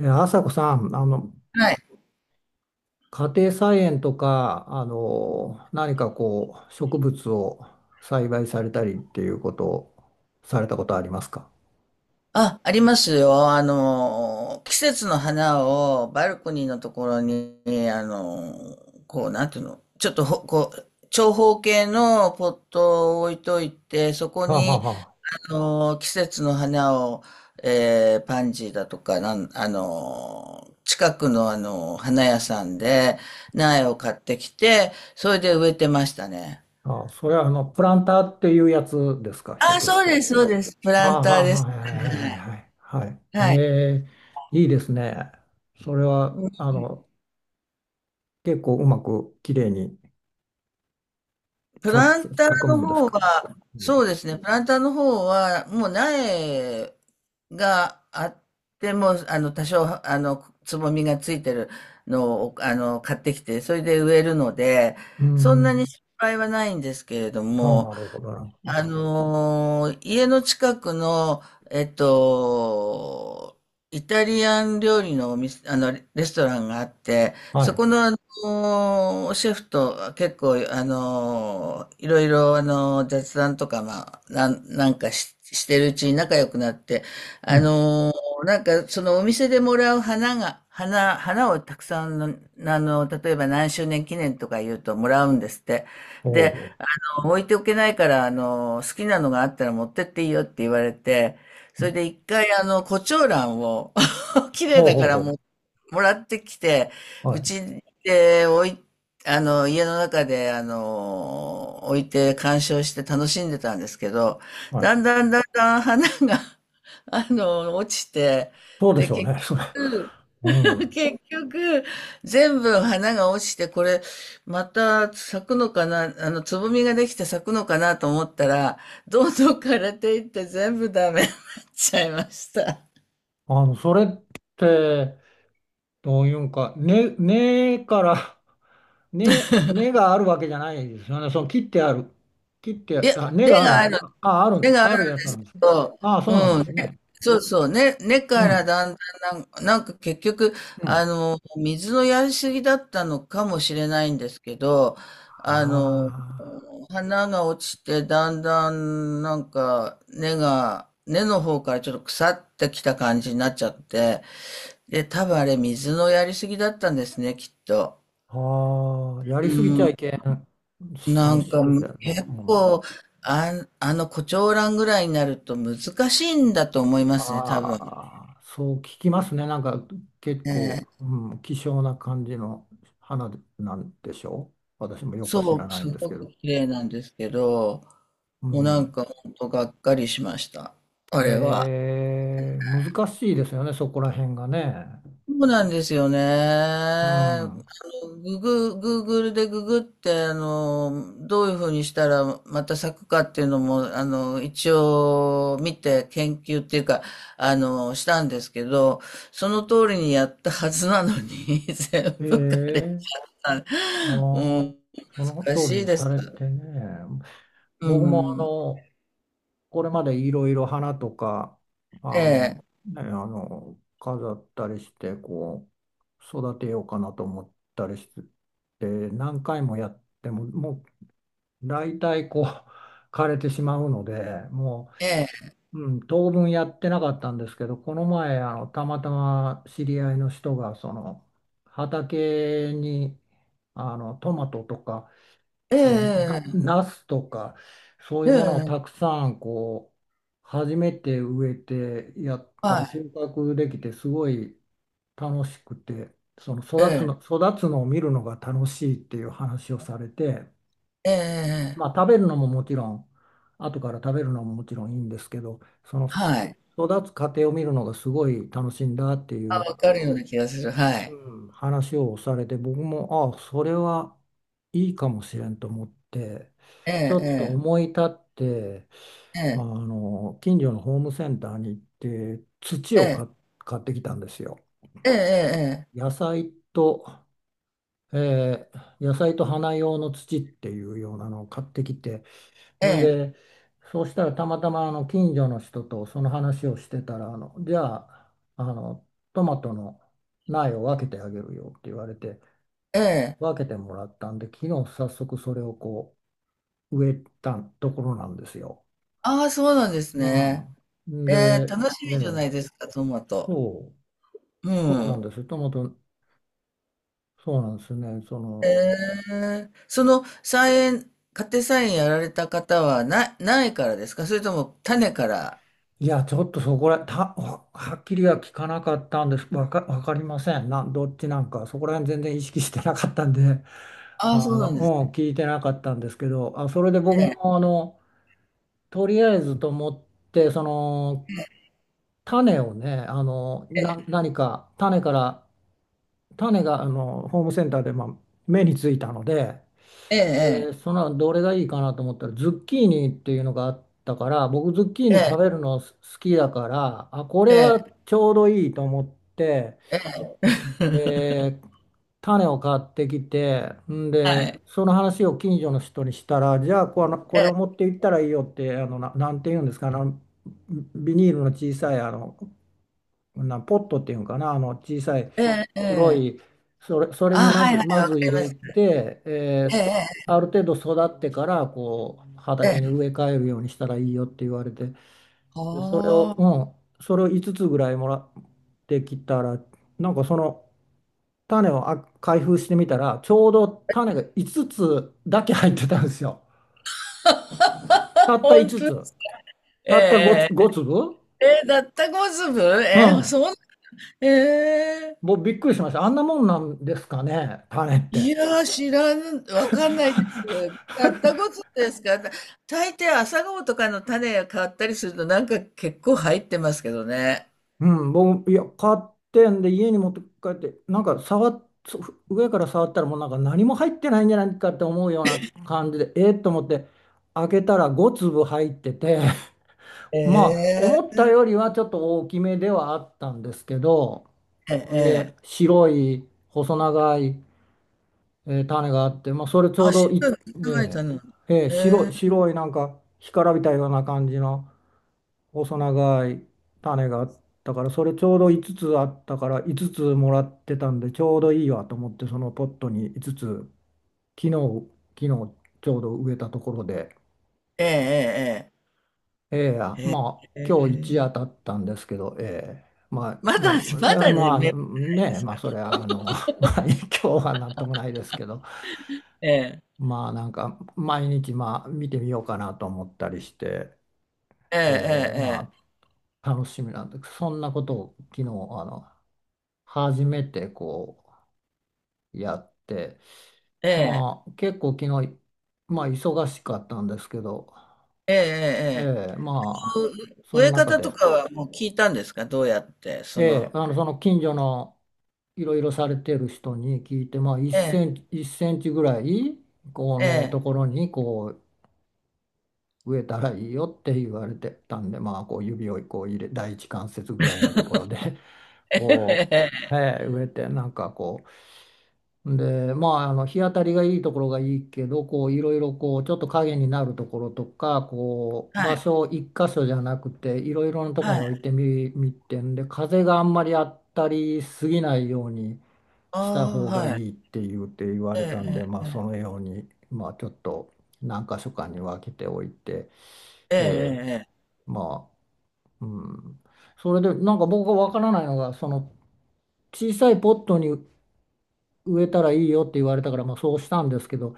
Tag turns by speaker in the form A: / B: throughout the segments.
A: 朝子さん、
B: はい。
A: 家庭菜園とか、何か植物を栽培されたりっていうことをされたことありますか？
B: あ、ありますよ。季節の花をバルコニーのところに、あの、こう、なんていうの、ちょっとこう、長方形のポットを置いといて、そこ
A: はあはあ
B: に、
A: は
B: 季節の花を、パンジーだとか、なん、あの、近くの花屋さんで苗を買ってきて、それで植えてましたね。
A: あ。あ、それはプランターっていうやつですか、ひょっ
B: あ、
A: とし
B: そうで
A: て。
B: す、そうです。プ
A: あ
B: ラ
A: あ、
B: ンターです。
A: はいはいはい
B: は
A: はいは
B: い。
A: い。はい。え
B: はい。
A: え、いいですね。それは、結構うまくきれいに
B: プ
A: 咲
B: ラン
A: く、
B: ター
A: 咲くも
B: の
A: んです
B: 方
A: か。
B: は、
A: う
B: そう
A: ん。
B: ですね、プランターの方は、もう苗があっても、多少、つぼみがついてるのを、買ってきて、それで植えるので、
A: うー
B: そんなに
A: ん。
B: 失敗はないんですけれど
A: ああ、
B: も、
A: なるほど、なるほど。
B: 家の近くの、えっと、イタリアン料理のお店、レストランがあって、
A: は
B: そこ
A: い。
B: の、シェフと結構、いろいろ、雑談とか、まあ、してるうちに仲良くなって、
A: う
B: あ
A: ん。
B: のなんか、そのお店でもらう花が、花、花をたくさんの、例えば何周年記念とか言うともらうんですって。
A: ほう
B: で、
A: ほ
B: 置いておけないから、好きなのがあったら持ってっていいよって言われて、
A: う。う
B: それ
A: ん。
B: で一回、コチ胡ラ蘭を、綺麗
A: ほう
B: だ
A: ほ
B: か
A: う
B: ら
A: ほ
B: も
A: う。
B: う、もらってきて、
A: は
B: う
A: い。
B: ちで置い、あの、家の中で、置いて鑑賞して楽しんでたんですけど、
A: はい。
B: だんだんだんだん花が、落ちて、
A: そうで
B: で、
A: しょう
B: 結
A: ね。それ。
B: 局、
A: う ん。
B: 結局、全部花が落ちて、これ、また咲くのかな、つぼみができて咲くのかなと思ったら、どんどん枯れていって全部ダメに なっちゃいました。
A: それって、どういうんか、根から根があるわけじゃないですよね。その切ってある。切って、
B: いや、
A: あ、根
B: 根
A: がある
B: が
A: ん
B: あ
A: だ。
B: る、
A: あ、
B: 根があ
A: あ
B: るん
A: るやつ
B: で
A: な
B: す
A: ん
B: け
A: ですよ。
B: ど、
A: あ、
B: う
A: そうなんで
B: ん、
A: すね。
B: そうそう、根
A: う
B: から
A: ん。
B: だんだんなんか結局、
A: うん。
B: 水のやりすぎだったのかもしれないんですけど、あの、
A: あ
B: 花が落ちて、だんだんなんか根の方からちょっと腐ってきた感じになっちゃって、で、多分あれ水のやりすぎだったんですね、きっと。
A: あー、やり
B: う
A: すぎちゃ
B: ん。
A: いけん、そ
B: な
A: の
B: ん
A: 種
B: か
A: 類の
B: 結
A: もの。
B: 構、あの胡蝶蘭ぐらいになると難しいんだと思いますね、多分。
A: ああ、そう聞きますね。なんか結
B: ね
A: 構、
B: え
A: うん、希少な感じの花なんでしょう。私もよくは知ら
B: そう、
A: ない
B: す
A: んですけ
B: ごく
A: ど。
B: 綺麗なんですけど、
A: う
B: もうなん
A: ん。
B: か本当がっかりしました。あれは。
A: へえ、難しいですよね、そこら辺がね。
B: そうなんですよね。
A: うん。
B: グーグルでググって、どういうふうにしたらまた咲くかっていうのも、一応見て研究っていうか、したんですけど、その通りにやったはずなのに、全
A: え
B: 部枯れた。
A: え。あ
B: も
A: あ、
B: う、
A: その
B: 難
A: 通
B: し
A: り
B: い
A: に
B: で
A: さ
B: す。
A: れてね。
B: う
A: 僕も
B: ん。
A: これまでいろいろ花とか、あ
B: え
A: の、
B: え、
A: 飾ったりして、育てようかなと思ったりして、何回もやっても、もう大体枯れてしまうので、も
B: ええ、
A: うん、当分やってなかったんですけど、この前、たまたま知り合いの人が、その、畑に、トマトとか、
B: え
A: えーな、
B: え、
A: ナスとか、そうい
B: え
A: うものを
B: え、
A: たくさん、初めて植えてやった
B: は
A: ら収
B: い、
A: 穫できて、すごい楽しくて、その
B: ええ、
A: 育つのを見るのが楽しいっていう話をされて、
B: ええ、
A: ま
B: え
A: あ、
B: え
A: 食べるのももちろん、後から食べるのももちろんいいんですけど、その
B: はい。
A: 育つ過程を見るのがすごい楽しいんだってい
B: あ、
A: う、
B: わかるような気がする。はい。
A: うん、話をされて、僕も、ああ、それはいいかもしれんと思って、
B: え
A: ち
B: え、
A: ょっと
B: ええ。
A: 思い立って、
B: ええ、
A: 近所のホームセンターに行って、土
B: え
A: を
B: え、
A: 買ってきたんですよ。
B: ええええ
A: 野菜と、野菜と花用の土っていうようなのを買ってきて、
B: え
A: ん
B: え
A: で、そうしたらたまたま近所の人とその話をしてたら、じゃあ、あの、トマトの苗を分けてあげるよって言われて、
B: ええええええ
A: 分けてもらったんで、昨日早速それを植えたところなんですよ。
B: ああ、そうなんです
A: う
B: ね。
A: ん。
B: え
A: で、
B: え、楽し
A: え
B: みじゃな
A: え、
B: いですか、トマト。
A: そ
B: う
A: そうなん
B: ん。
A: です。トマト、そうなんですね。その、
B: ええ、その菜園、家庭菜園やられた方はないからですか、それとも種から？
A: いや、ちょっとそこら、た、ははっきりは聞かなかったんです。わかりません。どっちなんか、そこら辺全然意識してなかったんで。
B: ああ、そ
A: あ
B: うな
A: の、
B: んです
A: うん、聞いてなかったんですけど、あ、それで僕
B: ね。
A: もとりあえずと思って、その、種をね、
B: ええ、
A: 何か、種から、種が、ホームセンターで、まあ、目についたので、
B: ええ、え
A: で、
B: え、
A: その、どれがいいかなと思ったら、ズッキーニっていうのがあったから、僕、ズッキーニ食
B: え
A: べるの好きだから、あ、これは
B: え、
A: ちょうどいいと思って、
B: ええ。
A: えー種を買ってきて、ん
B: は
A: で、
B: い。
A: その話を近所の人にしたら、じゃあこ
B: え
A: れを
B: え、
A: 持って行ったらいいよって、なんて言うんですか、ビニールの小さい、ポットっていうんかな、小さい
B: ええ、え
A: 黒
B: え。
A: い、それ
B: あ
A: に
B: あ、
A: ま
B: は
A: ず、
B: いはい、
A: ま
B: わか
A: ず入
B: りま
A: れ
B: す。
A: て、
B: ええ、
A: ある程度育ってから、
B: ええ、え
A: 畑に
B: え。
A: 植え替えるようにしたらいいよって言われて、でそれ
B: は
A: を、
B: あ、
A: うん、それを5つつぐらいもらってきたら、なんかその、種を開封してみたら、ちょうど種が5つつだけ入ってたんですよ。た った5
B: 本
A: つ
B: 当。
A: つ。
B: え
A: たった5つ、ご粒。
B: えだったこずぶ
A: う
B: えー、
A: ん。
B: そん、えー、
A: もうびっくりしました。あんなもんなんですかね、種っ
B: い
A: て。
B: やー、知らん、わかんないです。だったこずぶですか？大抵朝顔とかの種が変わったりするとなんか結構入ってますけどね。
A: うん、僕、いや、買ってんで、家に持って帰って、なんか触っ、そ上から触ったら、もうなんか何も入ってないんじゃないかって思うような感じで、思って、開けたら5粒入ってて、まあ、
B: え
A: 思
B: え
A: ったよりはちょっと大きめではあったんですけど、
B: え
A: で、
B: えええ
A: 白い細長い、種があって、まあ、それちょう
B: あ、
A: ど
B: 知
A: い、
B: らない、知らない、
A: え
B: とな
A: ーえー白
B: え
A: い、
B: え
A: 白いなんか干からびたような感じの細長い種があったから、それちょうど5つつあったから5つつもらってたんで、ちょうどいいわと思って、そのポットに5つつ、昨日、昨日ちょうど植えたところで、
B: ええ
A: ええ、
B: ええ
A: まあ、
B: ええ
A: 今日一
B: え
A: 夜経
B: え
A: ったんですけど、ええ、まあ、
B: まだ、
A: い
B: ま
A: や、
B: だね、
A: まあ、
B: め
A: ねえ、まあ、それは、まあ、今日はなんともないですけど、
B: ええ
A: まあ、なんか、毎日、まあ、見てみようかなと思ったりして、ええ、
B: ええ
A: ま
B: え
A: あ、楽しみなんです。そんなことを昨日、初めてやって、
B: えええ
A: まあ、結構昨日、まあ、忙しかったんですけど、
B: ええええ
A: ええ、まあ、その
B: 植え
A: 中
B: 方と
A: で、
B: かはもう聞いたんですか？どうやって、そ
A: ええ、
B: の、
A: その近所の、いろいろされてる人に聞いて、まあ、1
B: ええ、
A: センチ、1センチぐらいこ
B: え
A: の
B: え、
A: ところに植えたらいいよって言われてたんで、まあ、指を入れ、第一関節ぐらいのところで、
B: ええ、
A: こ
B: ええ
A: う、はい、植えて、なんかこうで、まあ、日当たりがいいところがいいけど、こういろいろ、こうちょっと影になるところとか、こう
B: は
A: 場
B: い、
A: 所を一箇所じゃなくて、いろいろなとこ
B: は
A: ろに置い
B: い、
A: てみて、んで、風があんまり当たりすぎないように。した
B: あ
A: 方
B: あ、
A: がい
B: はい、
A: いって言うて言われたん
B: え
A: で、ま
B: え、
A: あ、そのように、まあ、ちょっと何箇所かに分けておいて、
B: ええ、
A: ええ、
B: ええ、
A: まあ、うん、それでなんか僕が分からないのが、その小さいポットに植えたらいいよって言われたから、まあ、そうしたんですけど、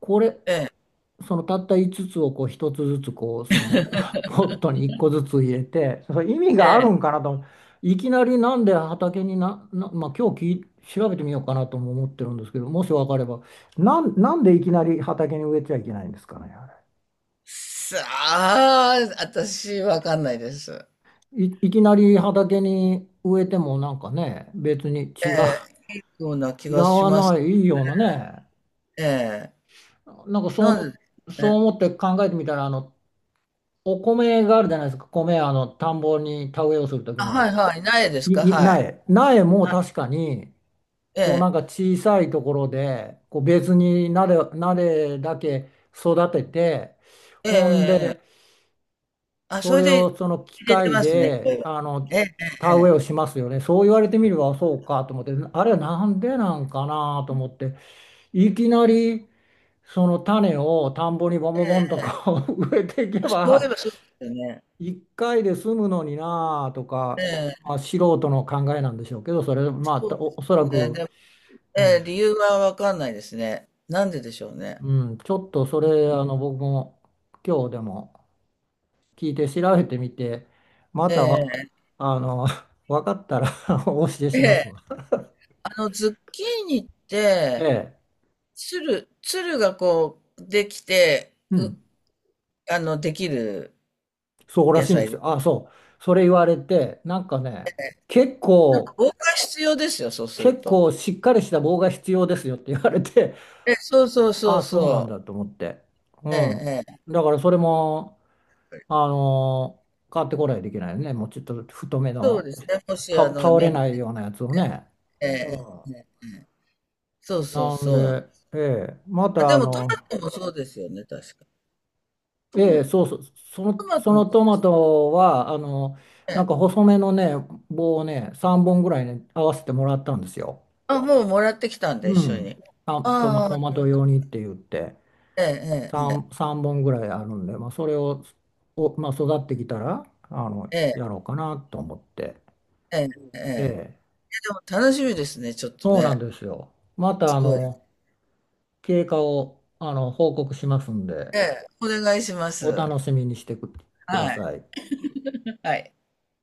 A: これ、そのたった5つつをこう1つずつこうその ポットに1個ずつ入れて、それ意味
B: え
A: があ
B: え、
A: るん
B: え
A: か
B: え
A: なと。いきなり、なんで畑にまあ、今日調べてみようかなとも思ってるんですけど、もし分かれば、なんでいきなり畑に植えちゃいけないんですかね。あ
B: さあ、私、わかんないです。
A: れい、いきなり畑に植えてもなんかね、別に
B: え
A: 違う、
B: え、いいような 気
A: 違
B: がし
A: わ
B: ます。
A: ない、いいようなね。
B: ええ、
A: なんか
B: なんでです
A: そう
B: ね。
A: 思って考えてみたら、お米があるじゃないですか。あの田んぼに田植えをする時
B: あ、
A: の。
B: はい、はい、苗ですか？はい。
A: 苗。苗も確かに、
B: え
A: こうな
B: え、
A: んか小さいところで、こう別に苗だけ育てて、
B: ええ、ええ、
A: ほん
B: え
A: で、
B: えあ、
A: そ
B: それ
A: れを
B: で
A: その機
B: 入れて
A: 械
B: ますね、そう
A: で、
B: いえば。ええ、ええ、え
A: 田植え
B: え
A: をしますよね。そう言われてみればそうかと思って、あれはなんでなんかなと思って、いきなりその種を田んぼにボンボンボンとこう 植えていけ
B: そうい
A: ば、
B: えばそうですよね。
A: 一回で済むのになあとか、
B: ええ、
A: まあ、素人の考えなんでしょうけど、それ、まあ、
B: そ
A: おそら
B: うです
A: く、
B: ね。え
A: うん。
B: え、理由はわかんないですね。なんででしょうね。
A: うん、ちょっとそれ、僕も今日でも聞いて調べてみて、ま
B: え
A: たわ、
B: え、
A: あの、分かったら お教え
B: え
A: します
B: え、
A: わ。
B: ズッキーニっ
A: え
B: て、
A: え、
B: つるがこう、できて、
A: う
B: う、
A: ん、
B: あの、できる
A: そうら
B: 野
A: しいんで
B: 菜
A: す
B: で
A: よ。
B: す。
A: あ、そう、それ言われて、なんかね、結
B: 防
A: 構、
B: 火必要ですよ、そうする
A: 結
B: と。
A: 構しっかりした棒が必要ですよって言われて、
B: ええ、そうそうそう
A: あ、そうなん
B: そう。
A: だと思って。う
B: え
A: ん。
B: え、ええ、
A: だからそれも、あのー買ってこないといけないよね。もうちょっと太め
B: そうで
A: の、
B: すね。もし、
A: 倒れないようなやつをね。
B: ええ、
A: うん。
B: ええ、ええそうそう
A: なん
B: そうなんで
A: で、
B: す。
A: ええ、ま
B: あ、
A: た
B: でも、トマトもそうですよね、確か。ト
A: え
B: マ、
A: え、
B: ト
A: そうそう、
B: マ
A: そ
B: トも
A: の
B: そ
A: ト
B: うで
A: マ
B: す
A: トは、な
B: ね。
A: んか細めのね、棒をね、3本ぐらいね、合わせてもらったんですよ。
B: あ、もうもらってきたんで、一
A: う
B: 緒
A: ん。
B: に。
A: あ、
B: あ
A: トマト
B: あ、
A: 用にって言って、
B: ええ、ええ、え
A: 3、
B: え。
A: 三本ぐらいあるんで、まあ、それを、お、まあ、育ってきたら、
B: ええ、
A: やろうかなと思って。
B: ええ、え。え、で
A: ええ、
B: も楽しみですね、ちょっと
A: そうなん
B: ね。
A: ですよ。また、
B: すごい。
A: 経過を、報告しますんで、
B: ええ、お願いしま
A: お
B: す。
A: 楽しみにしてくだ
B: はい、
A: さい。
B: はい。